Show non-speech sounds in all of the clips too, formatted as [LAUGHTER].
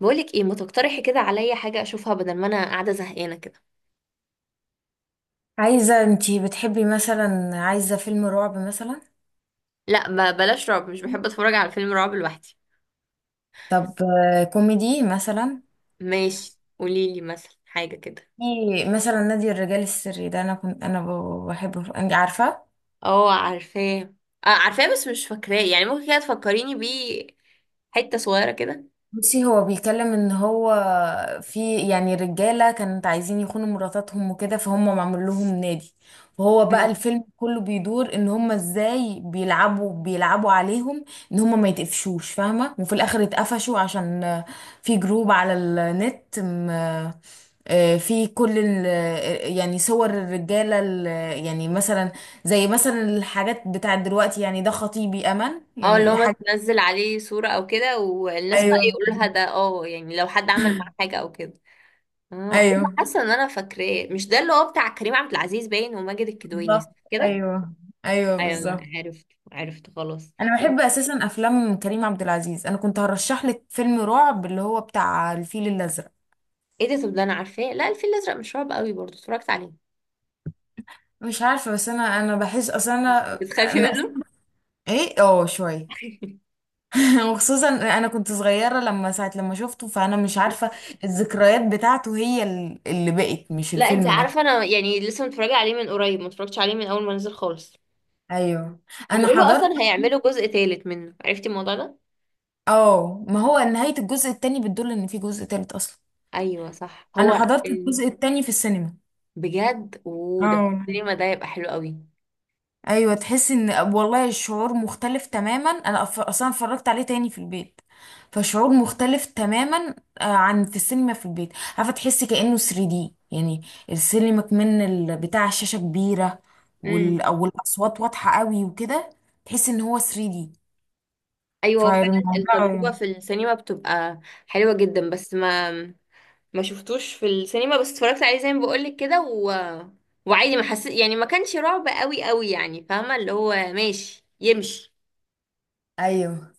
بقولك ايه، ما تقترحي كده عليا حاجة اشوفها بدل ما انا قاعدة زهقانة كده؟ عايزة، انتي بتحبي مثلا؟ عايزة فيلم رعب مثلا؟ لا، بلاش رعب. مش بحب اتفرج على فيلم رعب لوحدي. طب كوميدي مثلا؟ ماشي، قوليلي مثلا حاجة كده. في. مثلا نادي الرجال السري ده، انا كنت بحبه، انت عارفة. اه، عارفاه. اه عارفاه بس مش فاكراه، يعني ممكن كده تفكريني بيه. حتة صغيرة كده. بصي، هو بيتكلم ان هو. في، يعني، رجاله كانت عايزين يخونوا مراتاتهم وكده، فهم معمول لهم نادي. وهو بقى مم. الفيلم كله بيدور ان هم ازاي بيلعبوا عليهم. ان هم ما يتقفشوش، فاهمه، وفي الاخر اتقفشوا عشان في جروب على النت في كل يعني صور الرجاله يعني مثلا، زي مثلا الحاجات بتاعت دلوقتي، يعني ده خطيبي امل، اه، اللي هو يعني ما حاجه. تنزل عليه صورة او كده، والناس بقى ايوه. يقولوا لها ده، اه يعني لو حد عمل معاه حاجة او كده. اه، ايوه. ايوه حاسة ان انا فاكراه، مش ده اللي هو بتاع كريم عبد العزيز باين وماجد الكدواني، صح بالظبط. كده؟ ايوه. ايوه ايوه، لا بالظبط. عرفت. عرفت خلاص. انا بحب اساسا افلام كريم عبد العزيز. انا كنت هرشح لك فيلم رعب اللي هو بتاع الفيل الازرق. ايه ده؟ طب ده انا عارفاه. لا، الفيل الازرق مش رعب قوي برضه، اتفرجت عليه. مش عارفه، بس انا بحس، اصلا انا بتخافي انا منه؟ ايه، اه، شويه. [LAUGHS] [LAUGHS] وخصوصا انا كنت صغيره لما ساعه لما شفته، فانا مش عارفه. الذكريات بتاعته، هي اللي بقت، مش لا، انت الفيلم عارفه نفسه. انا يعني لسه متفرجه عليه من قريب، ما اتفرجتش عليه من اول ما نزل خالص. ايوه. انا بيقولوا حضرت. اصلا هيعملوا جزء تالت منه، عرفتي الموضوع ده؟ اه، ما هو نهايه الجزء التاني بتدل ان في جزء تالت اصلا. ايوه صح، انا هو حضرت الجزء التاني في السينما. بجد؟ وده في اه. السينما ده؟ يبقى حلو قوي. ايوه، تحس ان والله الشعور مختلف تماما. انا اصلا اتفرجت عليه تاني في البيت. فشعور مختلف تماما. عن في السينما في البيت. عارفه، تحسي كانه 3D يعني. السينما كمان بتاع الشاشه كبيره. امم. او الاصوات واضحه قوي وكده. تحس ان هو 3D. ايوه، هو فعلا. التجربه فالموضوع. في السينما بتبقى حلوه جدا، بس ما شفتوش في السينما. بس اتفرجت عليه زي ما بقولك كده، وعادي. ما حسيت يعني، ما كانش رعب قوي قوي يعني، فاهمه؟ اللي هو ماشي يمشي. ايوه.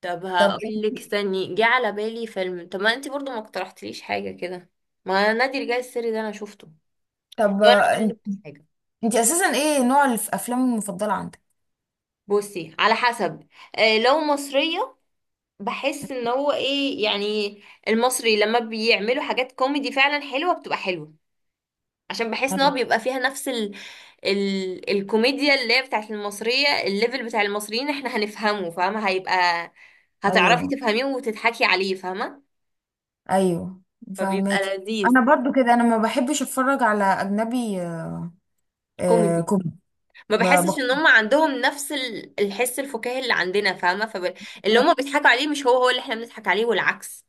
طب طب انت. هقولك، استني جه على بالي فيلم. طب ما انت برضو ما اقترحتليش حاجه كده. ما نادي الرجال السري ده انا شفته. طب لو انا انت. اقولك حاجه. انت اساسا ايه نوع الافلام المفضله عندك؟ بصي، على حسب. لو مصريه، بحس ان هو ايه يعني، المصري لما بيعملوا حاجات كوميدي فعلا حلوه بتبقى حلوه. عشان بحس ان هو ايوه. بيبقى فيها نفس الكوميديا اللي هي بتاعت المصرية. الليفل بتاع المصريين احنا هنفهمه، فاهمة؟ هيبقى هتعرفي ايوه. تفهميه وتضحكي عليه، فاهمة؟ ايوه فبيبقى فاهماكي. لذيذ. انا برضو كده، انا ما بحبش اتفرج على اجنبي. آه، كوميدي. كوميدي. ما ما بحسش ان بقدر- هم عندهم نفس الحس الفكاهي اللي عندنا، فاهمة؟ اللي هم بيضحكوا عليه مش هو هو اللي احنا بنضحك عليه، والعكس.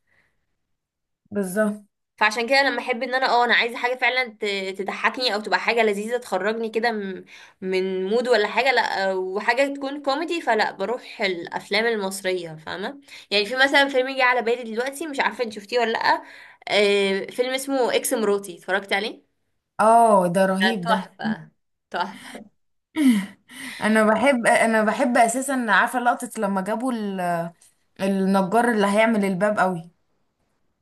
بالظبط. فعشان كده لما احب ان انا عايزه حاجه فعلا تضحكني، او تبقى حاجه لذيذه تخرجني كده من مود ولا حاجه. لا، وحاجه تكون كوميدي، فلا بروح الافلام المصريه، فاهمه؟ يعني في مثلا فيلم جه على بالي دلوقتي، مش عارفه انت شفتيه ولا لا. فيلم اسمه اكس مراتي، اتفرجت عليه؟ اه، ده ده رهيب ده. تحفه. تحفه. [LAUGHS] انا بحب اساسا، عارفه لقطه لما جابوا النجار اللي هيعمل الباب قوي.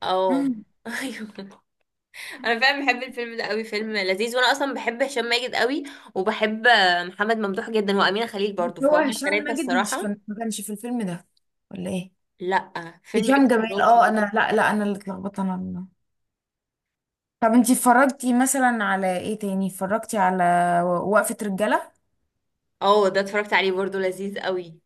اه. مم. [LAUGHS] ايوه. انا فعلا بحب الفيلم ده قوي، فيلم لذيذ. وانا اصلا بحب هشام ماجد قوي، وبحب محمد ممدوح جدا وامينه خليل [LAUGHS] برضو، هو فهم هشام الثلاثه ماجد، مش الصراحه. كان ما كانش في الفيلم ده، ولا ايه؟ لا، فيلم هشام اكس جمال. مراتي. اه انا، لا، لا، انا اللي اتلخبطت، انا اللي. طب انتي اتفرجتي مثلا على ايه تاني؟ اتفرجتي على وقفة رجالة. اه، ده اتفرجت عليه برضو، لذيذ قوي.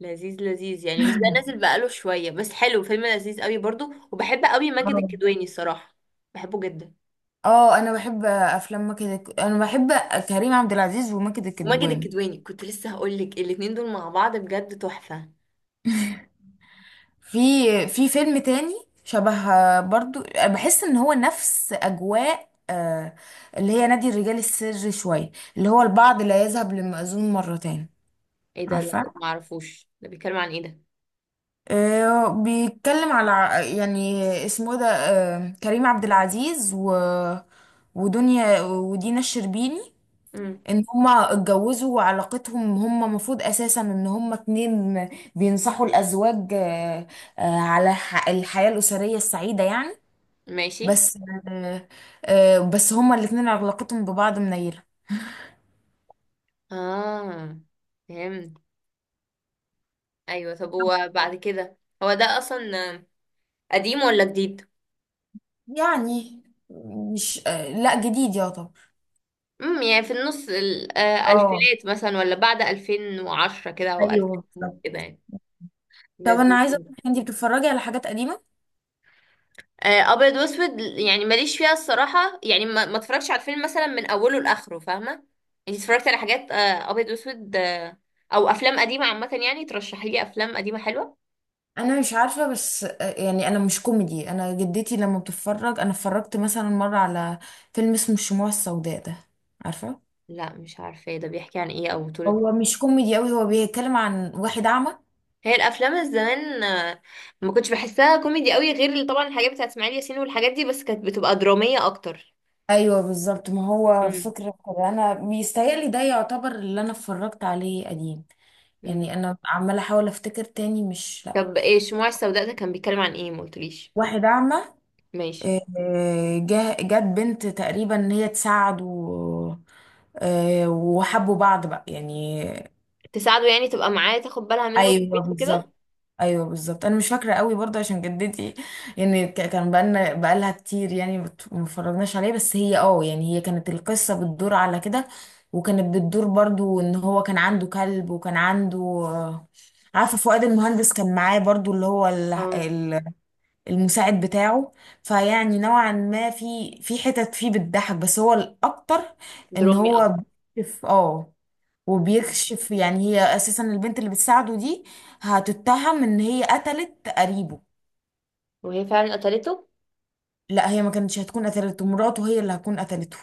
لذيذ لذيذ يعني، بس ده نازل [LAUGHS] بقاله شوية، بس حلو، فيلم لذيذ قوي برضو. وبحب قوي ماجد اه. الكدواني الصراحة، بحبه جدا. اه، انا بحب افلام ماجد انا بحب كريم عبد العزيز وماجد وماجد الكدواني. الكدواني كنت لسه هقول لك، الاتنين دول مع بعض بجد تحفة. في في فيلم تاني شبه، برضو بحس ان هو نفس اجواء اللي هي نادي الرجال السري شويه، اللي هو البعض لا يذهب للمأذون مرتين. ايه ده؟ لا عارفه، معرفوش، ده بيتكلم عن ايه ده؟ بيتكلم على يعني اسمه إيه ده، كريم عبد العزيز و ودينا الشربيني. امم. ان هما اتجوزوا وعلاقتهم، هما المفروض اساسا ان هما اتنين بينصحوا الازواج على الحياة الاسرية السعيدة يعني. ماشي. بس آه، بس هما الاتنين علاقتهم ببعض منيلة. اه، فهمت. ايوه، طب هو بعد كده هو ده اصلا قديم ولا جديد؟ يعني، مش لا، جديد يا طب. امم، يعني في النص اه. الألفينات مثلا، ولا بعد 2010 كده أو 2000 ايوه بالظبط. كده يعني؟ طب انا لذيذ عايزه جدا. اقول، انت بتتفرجي على حاجات قديمه؟ أبيض وأسود يعني ماليش فيها الصراحة. يعني ما اتفرجش على الفيلم مثلا من أوله لآخره، فاهمة؟ يعني اتفرجت على حاجات أبيض وأسود، أو أفلام قديمة عامة. يعني ترشحي لي أفلام قديمة حلوة. انا مش عارفه، بس يعني انا مش كوميدي، انا جدتي لما بتتفرج، انا اتفرجت مثلا مره على فيلم اسمه الشموع السوداء ده، عارفه. لا، مش عارفة. ده بيحكي عن إيه أو بطولة؟ هو مش كوميدي قوي، هو بيتكلم عن واحد اعمى. هي الأفلام الزمان ما كنتش بحسها كوميدي قوي، غير طبعا الحاجات بتاعت إسماعيل ياسين والحاجات دي، بس كانت بتبقى درامية أكتر. ايوه بالظبط، ما هو فكرة كده، انا بيستاهل ده، يعتبر اللي انا اتفرجت عليه قديم. امم. يعني انا عمالة احاول افتكر تاني، مش، لا. طب ايه الشموع السوداء ده؟ كان بيتكلم عن ايه؟ ما قلتليش. واحد اعمى. ماشي. جت بنت تقريبا ان هي تساعده. وحبوا بعض بقى يعني. تساعده يعني تبقى معاه، تاخد بالها منه في ايوه البيت وكده. بالظبط. ايوه بالظبط، انا مش فاكره قوي برضه عشان جدتي. يعني كان بقالنا بقالها كتير يعني، ما اتفرجناش عليه، بس هي اه يعني هي كانت، القصه بتدور على كده. وكانت بتدور برضه ان هو كان عنده كلب، وكان عنده عارفه فؤاد المهندس كان معاه برضه، اللي هو اه، المساعد بتاعه. فيعني نوعا ما في حتت فيه بتضحك، بس هو الاكتر ان درامي اكتر. هو اه، م- وبيكشف، يعني هي اساسا البنت اللي بتساعده دي هتتهم ان هي قتلت قريبه. وهي فعلا قتلته؟ لا، هي ما كانتش هتكون قتلته، مراته هي اللي هتكون قتلته.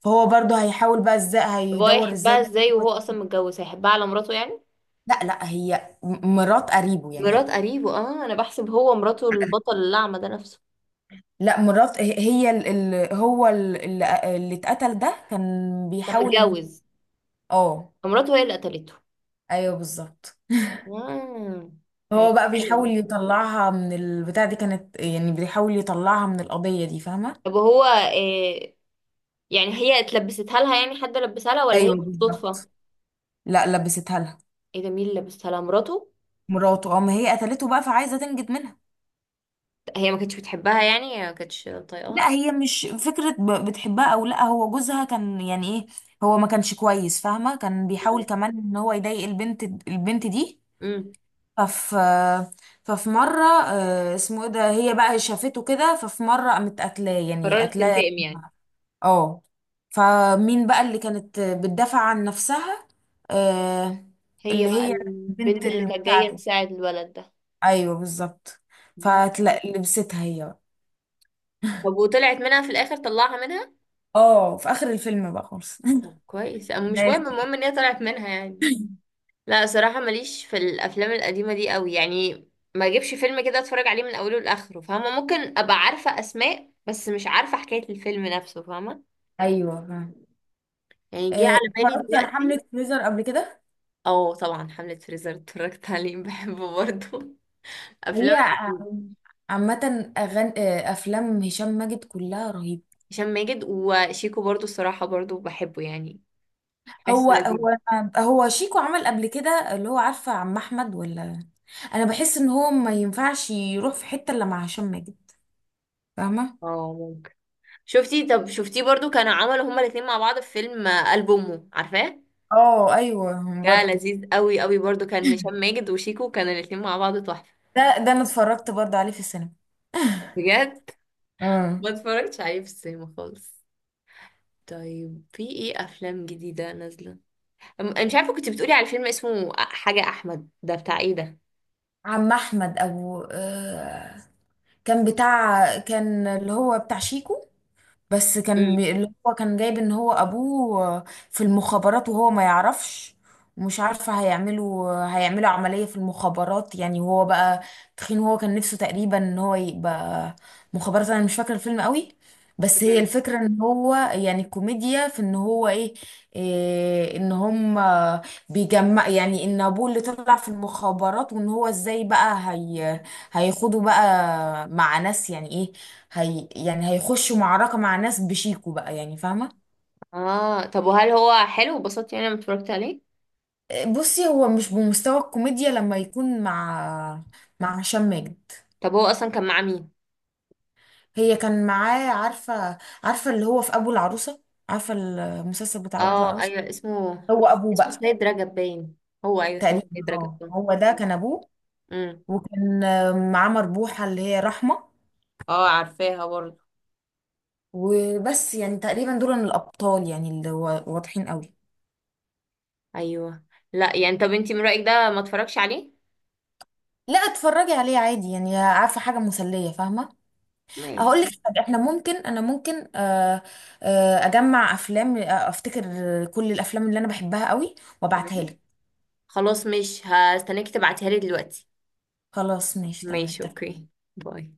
فهو برضه هيحاول بقى، ازاي طب هو هيدور ازاي هيحبها إن ازاي هو- وهو اصلا متجوز؟ هيحبها على مراته يعني؟ لا، لا، هي مرات قريبه مرات يعني. قريبه. اه، انا بحسب هو مراته البطل الأعمى ده نفسه. لا مرات، هي هو اللي اتقتل ده، كان كان بيحاول ان متجوز؟ اه فمراته هي اللي قتلته. ايوه بالظبط. آه. هو بقى حلو ده. بيحاول يطلعها من البتاع دي كانت، يعني بيحاول يطلعها من القضية دي، فاهمة؟ طب هو إيه يعني؟ هي اتلبستها لها، يعني حد لبسها لها ولا هي ايوه بالصدفة؟ بالظبط. لا، لبستها لها. ايه ده؟ مين اللي لبسها لها؟ مراته؟ مراته قام هي قتلته بقى فعايزه تنجد منها. هي ما كانتش بتحبها يعني، هي ما كانتش طايقاها؟ لا، هي مش فكره بتحبها او لا، هو جوزها كان يعني ايه، هو ما كانش كويس، فاهمه، كان بيحاول مم. كمان ان هو يضايق البنت دي. مم. ففي ففي مره اسمه ايه ده، هي بقى شافته كده، ففي مره قامت قتلاه، يعني قررت قتلاه. تنتقم يعني. اه. فمين بقى اللي كانت بتدافع عن نفسها؟ آه، هي اللي بقى هي البنت البنت اللي كانت جاية المساعدة. تساعد الولد ده. ايوه بالظبط. مم. فلبستها هي بقى. طب وطلعت منها في الآخر؟ طلعها منها؟ اه في اخر الفيلم بقى خالص. [LAUGHS] طب كويس، أما مش بس. مهم، المهم ان هي طلعت منها يعني. لا، صراحة ماليش في الأفلام القديمة دي قوي يعني، ما اجيبش فيلم كده اتفرج عليه من اوله لاخره، فاهمه؟ ممكن ابقى عارفه اسماء، بس مش عارفه حكايه الفيلم نفسه، فاهمه؟ ايوه، فاهم. يعني جه على بالي اتفرجتي على حملة دلوقتي. فريزر قبل كده؟ اه طبعا، حمله فريزر اتفرجت عليه، بحبه برضه. [LAUGHS] افلام هي عامة أغان... آه، أفلام هشام ماجد كلها رهيبة. هشام ماجد وشيكو برضو الصراحة، برضو بحبه يعني. هو حاسه لذيذ. هو هو شيكو عمل قبل كده، اللي هو عارفة عم احمد؟ ولا أنا بحس إن هو ما ينفعش يروح في حتة إلا مع هشام ماجد، فاهمة؟ اه، ممكن. شفتي؟ طب شفتيه؟ برضو كانوا عملوا هما الاتنين مع بعض في فيلم قلب أمه، عارفاه؟ اه ايوه ده برضه. لذيذ قوي قوي برضو، كان هشام ماجد وشيكو، كانوا الاتنين مع بعض تحفة. ده انا اتفرجت برضه عليه في السينما. بجد؟ [LAUGHS] امم. ما اتفرجتش عليه في السينما خالص. طيب في ايه افلام جديدة نازلة؟ انا مش عارفة. كنت بتقولي على فيلم اسمه حاجة احمد ده، بتاع ايه ده؟ عم أحمد أبو كان اللي هو بتاع شيكو، بس كان امم. اللي هو كان جايب ان هو ابوه في المخابرات وهو ما يعرفش. ومش عارفة هيعملوا عملية في المخابرات، يعني، وهو بقى تخين. وهو كان نفسه تقريبا ان هو يبقى مخابرات. انا مش فاكرة الفيلم قوي، بس هي الفكرة ان هو يعني كوميديا في ان هو إيه ان هم بيجمع، يعني ان ابوه اللي طلع في المخابرات، وان هو ازاي بقى هي هيخوضوا بقى مع ناس، يعني ايه، هي يعني هيخشوا معركة مع ناس بشيكو بقى يعني، فاهمة؟ اه، طب وهل هو حلو؟ وبسطت يعني لما اتفرجت عليه؟ بصي، هو مش بمستوى الكوميديا لما يكون مع هشام ماجد. طب هو اصلا كان مع مين؟ هي كان معاه، عارفة اللي هو في أبو العروسة. عارفة المسلسل بتاع أبو اه العروسة؟ ايوه، اسمه هو أبوه اسمه بقى، سيد رجب باين. هو ايوه، هو تقريبا. سيد رجب اه باين. هو ده كان أبوه. امم. وكان معاه مربوحة اللي هي رحمة. اه، عارفاها برضه. وبس يعني تقريبا دول الأبطال، يعني اللي هو واضحين قوي. ايوه. لا، يعني طب انتي من رأيك ده ما اتفرجش عليه؟ لا، اتفرجي عليه عادي، يعني عارفة حاجة مسلية، فاهمة؟ ماشي. هقول لك حاجة، احنا ممكن انا ممكن اجمع افلام افتكر كل الافلام اللي انا بحبها قوي وابعتها تمام. لك. خلاص، مش هستناك تبعتيها لي دلوقتي. خلاص، ماشي، تمام، ماشي، اتفقنا. اوكي. باي.